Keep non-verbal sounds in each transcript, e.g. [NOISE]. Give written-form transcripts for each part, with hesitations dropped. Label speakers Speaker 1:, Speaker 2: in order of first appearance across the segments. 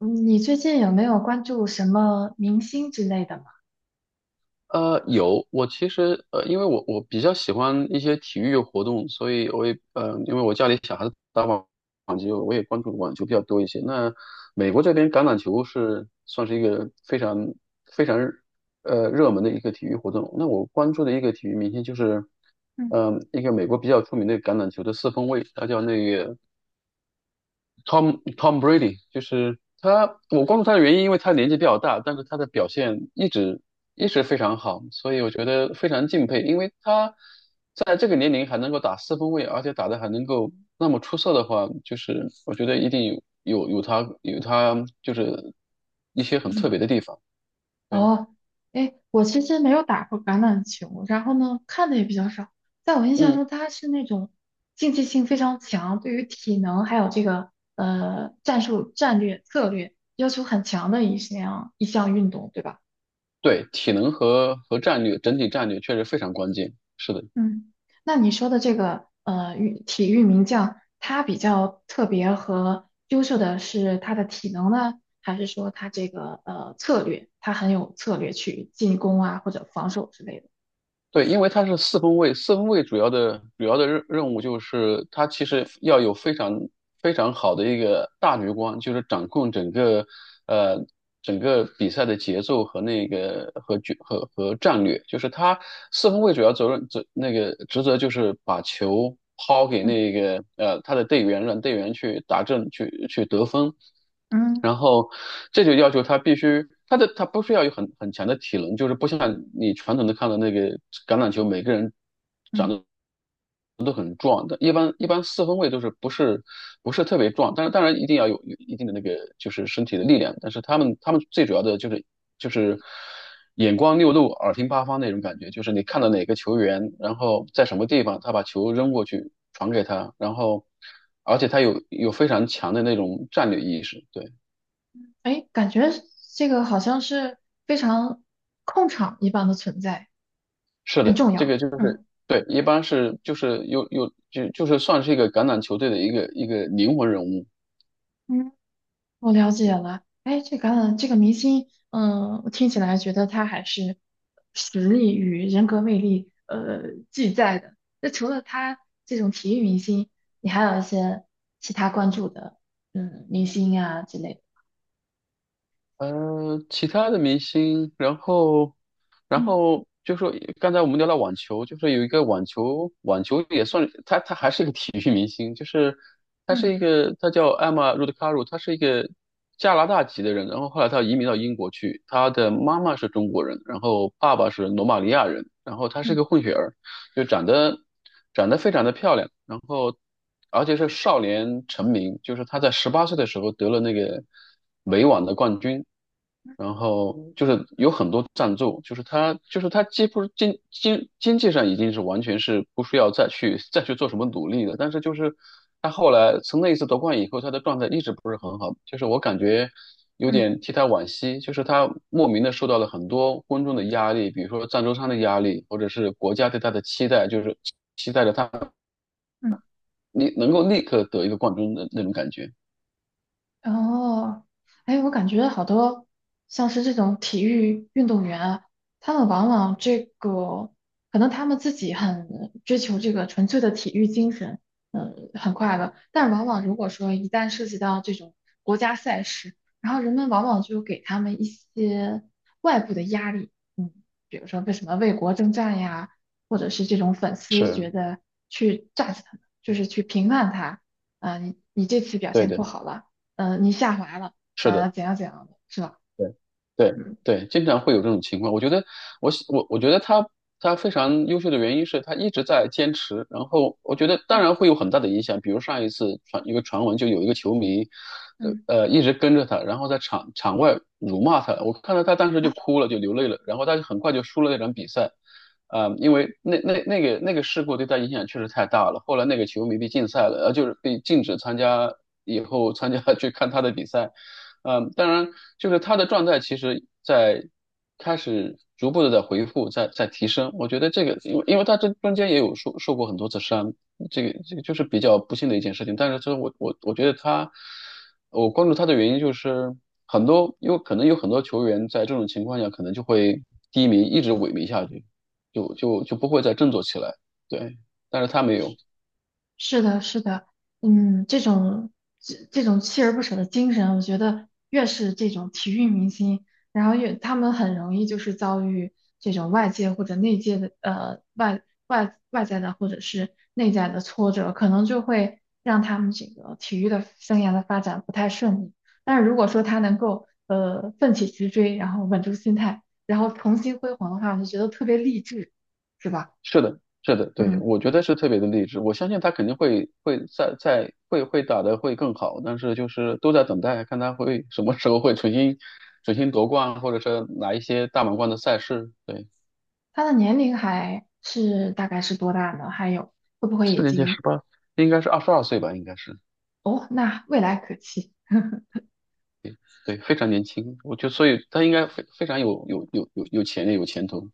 Speaker 1: 嗯你最近有没有关注什么明星之类的吗？
Speaker 2: 有，我其实因为我比较喜欢一些体育活动，所以我也因为我家里小孩子打网球，我也关注网球比较多一些。那美国这边橄榄球是算是一个非常热门的一个体育活动。那我关注的一个体育明星就是，
Speaker 1: 嗯，
Speaker 2: 嗯、一个美国比较出名的橄榄球的四分卫，他叫那个。Tom Brady，就是他。我关注他的原因，因为他年纪比较大，但是他的表现一直非常好，所以我觉得非常敬佩。因为他在这个年龄还能够打四分卫，而且打的还能够那么出色的话，就是我觉得一定有他就是一些很特
Speaker 1: 嗯
Speaker 2: 别的地方。对，
Speaker 1: 哦，哎，我其实没有打过橄榄球，然后呢，看的也比较少。在我印象
Speaker 2: 嗯，
Speaker 1: 中，他是那种竞技性非常强，对于体能还有这个战术、战略、策略要求很强的一项运动，对吧？
Speaker 2: 对，体能和战略整体战略确实非常关键。是的。
Speaker 1: 嗯，那你说的这个运体育名将，他比较特别和优秀的是他的体能呢，还是说他这个策略，他很有策略去进攻啊或者防守之类的？
Speaker 2: 对，因为它是四分卫，四分卫主要的任务就是它其实要有非常好的一个大局观，就是掌控整个呃整个比赛的节奏和那个和决和和战略。就是他四分卫主要责任责那个职责就是把球抛给
Speaker 1: 嗯
Speaker 2: 那个他的队员，让队员去打正去去得分。
Speaker 1: 嗯
Speaker 2: 然后这就要求他必须他的他不需要有很强的体能，就是不像你传统的看到那个橄榄球，每个人
Speaker 1: 嗯，
Speaker 2: 壮的，一般四分卫都是不是特别壮，但是当然一定要有一定的那个就是身体的力量，但是他们最主要的就是眼光六路，耳听八方那种感觉，就是你看到哪个球员，然后在什么地方，他把球扔过去传给他，然后而且他有非常强的那种战略意识。对。
Speaker 1: 哎，感觉这个好像是非常控场一般的存在，
Speaker 2: 是
Speaker 1: 很
Speaker 2: 的，
Speaker 1: 重
Speaker 2: 这
Speaker 1: 要。
Speaker 2: 个就是
Speaker 1: 嗯
Speaker 2: 对，一般是就是就是算是一个橄榄球队的一个灵魂人物。
Speaker 1: 我了解了，哎，这个明星，嗯，我听起来觉得他还是实力与人格魅力，俱在的。那除了他这种体育明星，你还有一些其他关注的，嗯，明星啊之类的。
Speaker 2: 呃，其他的明星，然后
Speaker 1: 嗯
Speaker 2: 就说刚才我们聊到网球，就是有一个网球也算，他还是一个体育明星。就是他
Speaker 1: 嗯
Speaker 2: 是一个，他叫艾玛茹德卡鲁，他是一个加拿大籍的人，然后后来他移民到英国去。他的妈妈是中国人，然后爸爸是罗马尼亚人，然后他是
Speaker 1: 嗯
Speaker 2: 个混血儿。就长得非常的漂亮，然后而且是少年成名。就是他在十八岁的时候得了那个美网的冠军，然后就是有很多赞助。就是他就是他几乎经济上已经是完全是不需要再去做什么努力的。但是就是他后来从那一次夺冠以后，他的状态一直不是很好，就是我感觉有
Speaker 1: 嗯
Speaker 2: 点替他惋惜。就是他莫名的受到了很多观众的压力，比如说赞助商的压力，或者是国家对他的期待，就是期待着他
Speaker 1: 嗯。
Speaker 2: 你能够立刻得一个冠军的那种感觉。
Speaker 1: 哦，哎，我感觉好多像是这种体育运动员啊，他们往往这个可能他们自己很追求这个纯粹的体育精神，嗯，很快乐。但往往如果说一旦涉及到这种国家赛事，然后人们往往就给他们一些外部的压力，嗯，比如说为什么为国征战呀，或者是这种粉丝
Speaker 2: 是
Speaker 1: 觉得去炸 u 他们，就是去评判他，啊、你这次表
Speaker 2: 对
Speaker 1: 现不
Speaker 2: 的，
Speaker 1: 好了。嗯，你下滑了，
Speaker 2: 是的。
Speaker 1: 怎样的，是吧？
Speaker 2: 对对
Speaker 1: 嗯
Speaker 2: 对，经常会有这种情况。我觉得，我喜我我觉得他非常优秀的原因是他一直在坚持。然后我觉得，当
Speaker 1: 嗯
Speaker 2: 然会有很大的影响。比如上一次传一个传闻，就有一个球迷，呃
Speaker 1: 嗯，
Speaker 2: 一直跟着他，然后在场外辱骂他。我看到他当时就哭了，就流泪了。然后他就很快就输了那场比赛。啊、因为那个事故对他影响确实太大了。后来那个球迷被禁赛了，呃，就是被禁止参加以后参加 [LAUGHS] 去看他的比赛。嗯，呃当然，就是他的状态其实在开始逐步的在恢复，在提升。我觉得这个，因为他这中间也有受过很多次伤，这个就是比较不幸的一件事情。但是这我觉得他，我关注他的原因就是很多。因为可能有很多球员在这种情况下可能就会低迷，一直萎靡下去，就不会再振作起来。对，但是他没有。
Speaker 1: 是的，是的，嗯，这种这种锲而不舍的精神，我觉得越是这种体育明星，然后越他们很容易就是遭遇这种外界或者内界的外在的或者是内在的挫折，可能就会让他们这个体育的生涯的发展不太顺利。但是如果说他能够奋起直追，然后稳住心态，然后重新辉煌的话，我就觉得特别励志，是吧？
Speaker 2: 是的，是的，对，
Speaker 1: 嗯。
Speaker 2: 我觉得是特别的励志。我相信他肯定会会打得会更好，但是就是都在等待，看他会什么时候会重新夺冠，或者是拿一些大满贯的赛事。对，
Speaker 1: 他的年龄还是大概是多大呢？还有会不会
Speaker 2: 四
Speaker 1: 已
Speaker 2: 年级
Speaker 1: 经
Speaker 2: 十八，应该是二十二岁吧，应该是，
Speaker 1: 哦？那未来可期。
Speaker 2: 对，非常年轻。我就所以他应该非非常有潜力，有前途。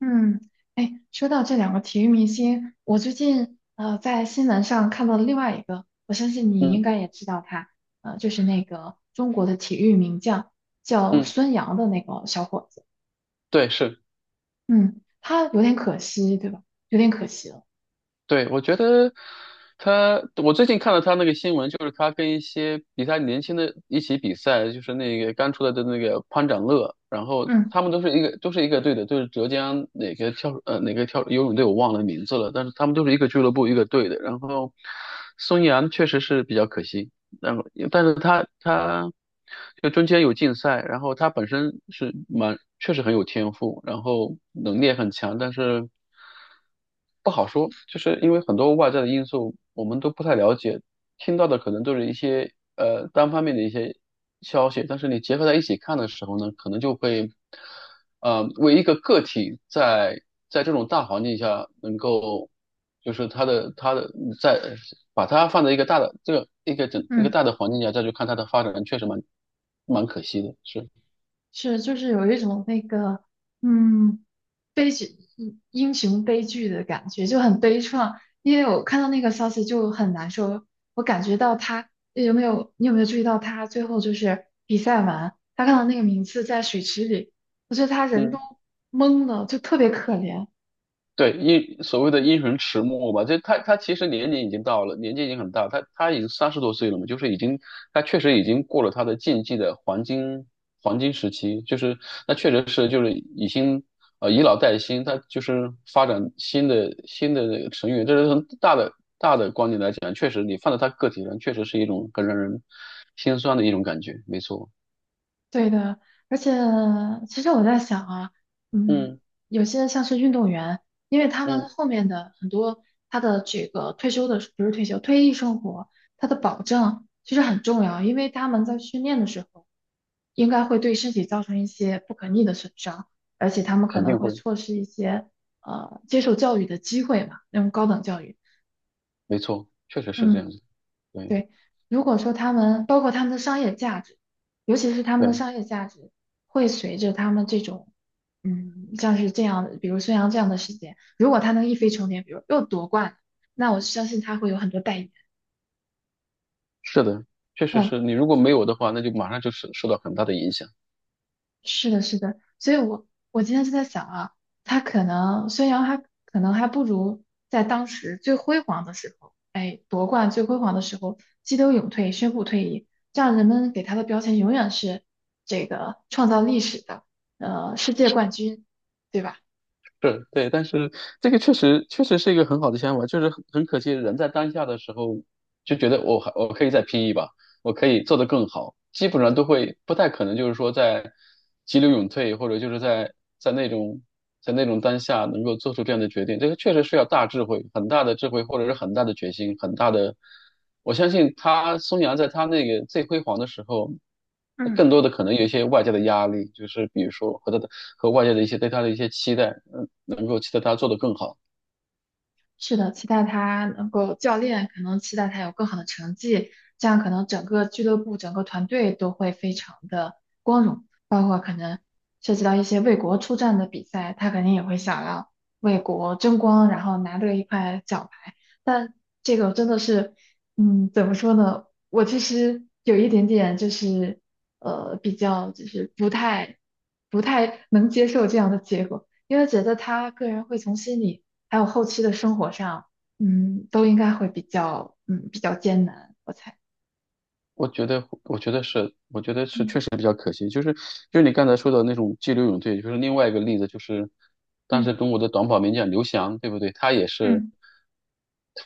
Speaker 1: 嗯，哎，说到这两个体育明星，我最近在新闻上看到了另外一个，我相信你应
Speaker 2: 嗯
Speaker 1: 该也知道他，就是那个中国的体育名将叫
Speaker 2: 嗯，
Speaker 1: 孙杨的那个小伙子。
Speaker 2: 对，是。
Speaker 1: 嗯，他有点可惜，对吧？有点可惜了。
Speaker 2: 对，我觉得他，我最近看了他那个新闻，就是他跟一些比他年轻的一起比赛，就是那个刚出来的那个潘展乐。然后
Speaker 1: 嗯
Speaker 2: 他们都是一个队的，就是浙江哪个跳呃哪个跳游泳队我忘了名字了，但是他们都是一个俱乐部一个队的。然后孙杨确实是比较可惜。然后但是他就中间有竞赛，然后他本身是蛮确实很有天赋，然后能力也很强，但是不好说。就是因为很多外在的因素我们都不太了解，听到的可能都是一些呃单方面的一些消息，但是你结合在一起看的时候呢，可能就会呃为一个个体在在这种大环境下能够。就是它的在把它放在一个大的这个一个
Speaker 1: 嗯，
Speaker 2: 大的环境下再去看它的发展，确实蛮可惜的。是，
Speaker 1: 是就是有一种那个。嗯，悲剧，英雄悲剧的感觉，就很悲怆。因为我看到那个消息就很难受，我感觉到他有没有，你有没有注意到他最后就是比赛完，他看到那个名次在水池里，我觉得他人
Speaker 2: 嗯。
Speaker 1: 都懵了，就特别可怜。
Speaker 2: 对，因所谓的因循迟暮吧，就他其实年龄已经到了，年纪已经很大，他已经三十多岁了嘛，就是已经他确实已经过了他的竞技的黄金时期。就是那确实是就是已经呃以老带新，他就是发展新的那个成员。这是从大的观点来讲，确实你放在他个体上，确实是一种很让人心酸的一种感觉，没错。
Speaker 1: 对的，而且其实我在想啊，嗯，
Speaker 2: 嗯
Speaker 1: 有些像是运动员，因为他们
Speaker 2: 嗯，
Speaker 1: 后面的很多他的这个退休的，不是退休，退役生活，他的保障其实很重要，因为他们在训练的时候，应该会对身体造成一些不可逆的损伤，而且他们可
Speaker 2: 肯
Speaker 1: 能
Speaker 2: 定
Speaker 1: 会
Speaker 2: 会，
Speaker 1: 错失一些接受教育的机会嘛，那种高等教育。
Speaker 2: 没错，确实是这
Speaker 1: 嗯，
Speaker 2: 样子，对
Speaker 1: 对，如果说他们包括他们的商业价值，尤其是他们的
Speaker 2: 对。
Speaker 1: 商业价值会随着他们这种，嗯，像是这样的，比如孙杨这样的事件，如果他能一飞冲天，比如又夺冠，那我相信他会有很多代言。
Speaker 2: 是的，确实是你如果没有的话，那就马上就是受到很大的影响。
Speaker 1: 是的，是的，所以我今天就在想啊，他可能孙杨还可能还不如在当时最辉煌的时候，哎，夺冠最辉煌的时候激流勇退，宣布退役，这样人们给他的标签永远是这个创造历史的，世界冠军，对吧？
Speaker 2: 是，对，但是这个确实是一个很好的想法。就是很可惜，人在当下的时候就觉得我还我可以再拼一把，我可以做得更好，基本上都会不太可能就是说在急流勇退，或者就是在在那种在那种当下能够做出这样的决定。这个确实是要大智慧、很大的智慧，或者是很大的决心、很大的。我相信他孙杨在他那个最辉煌的时候，
Speaker 1: 嗯。
Speaker 2: 更多的可能有一些外界的压力，就是比如说和他的和外界的一些对他的一些期待，嗯，能够期待他做得更好。
Speaker 1: 是的，期待他能够教练可能期待他有更好的成绩，这样可能整个俱乐部、整个团队都会非常的光荣，包括可能涉及到一些为国出战的比赛，他肯定也会想要为国争光，然后拿得一块奖牌。但这个真的是，嗯，怎么说呢？我其实有一点点就是，比较就是不太能接受这样的结果，因为觉得他个人会从心里。还有后期的生活上，嗯，都应该会比较，嗯，比较艰难，我猜。
Speaker 2: 我觉得，我觉得是，我觉得是确
Speaker 1: 嗯
Speaker 2: 实比较可惜。就是你刚才说的那种激流勇退，就是另外一个例子。就是当时
Speaker 1: 嗯
Speaker 2: 中国的短跑名将刘翔，对不对？他也是
Speaker 1: 嗯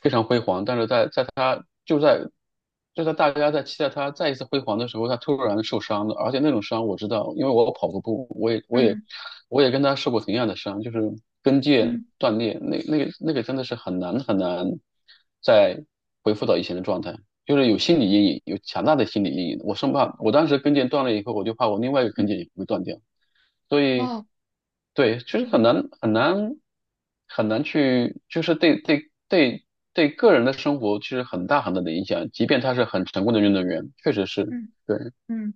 Speaker 2: 非常辉煌，但是在在他就在就在大家在期待他再一次辉煌的时候，他突然受伤了。而且那种伤我知道，因为我跑过步，我也我也
Speaker 1: 嗯
Speaker 2: 我也跟他受过同样的伤，就是跟腱
Speaker 1: 嗯
Speaker 2: 断裂。那个真的是很难再恢复到以前的状态。就是有心理阴影，有强大的心理阴影。我生怕我当时跟腱断了以后，我就怕我另外一个跟
Speaker 1: 嗯
Speaker 2: 腱也会断掉。所以，
Speaker 1: 哦
Speaker 2: 对，就是
Speaker 1: 嗯
Speaker 2: 很难去，就是对对个人的生活其实很大的影响。即便他是很成功的运动员，确实是，
Speaker 1: 嗯
Speaker 2: 对，
Speaker 1: 嗯，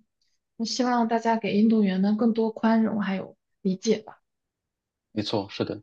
Speaker 1: 我希望大家给运动员们更多宽容还有理解吧。
Speaker 2: 没错，是的。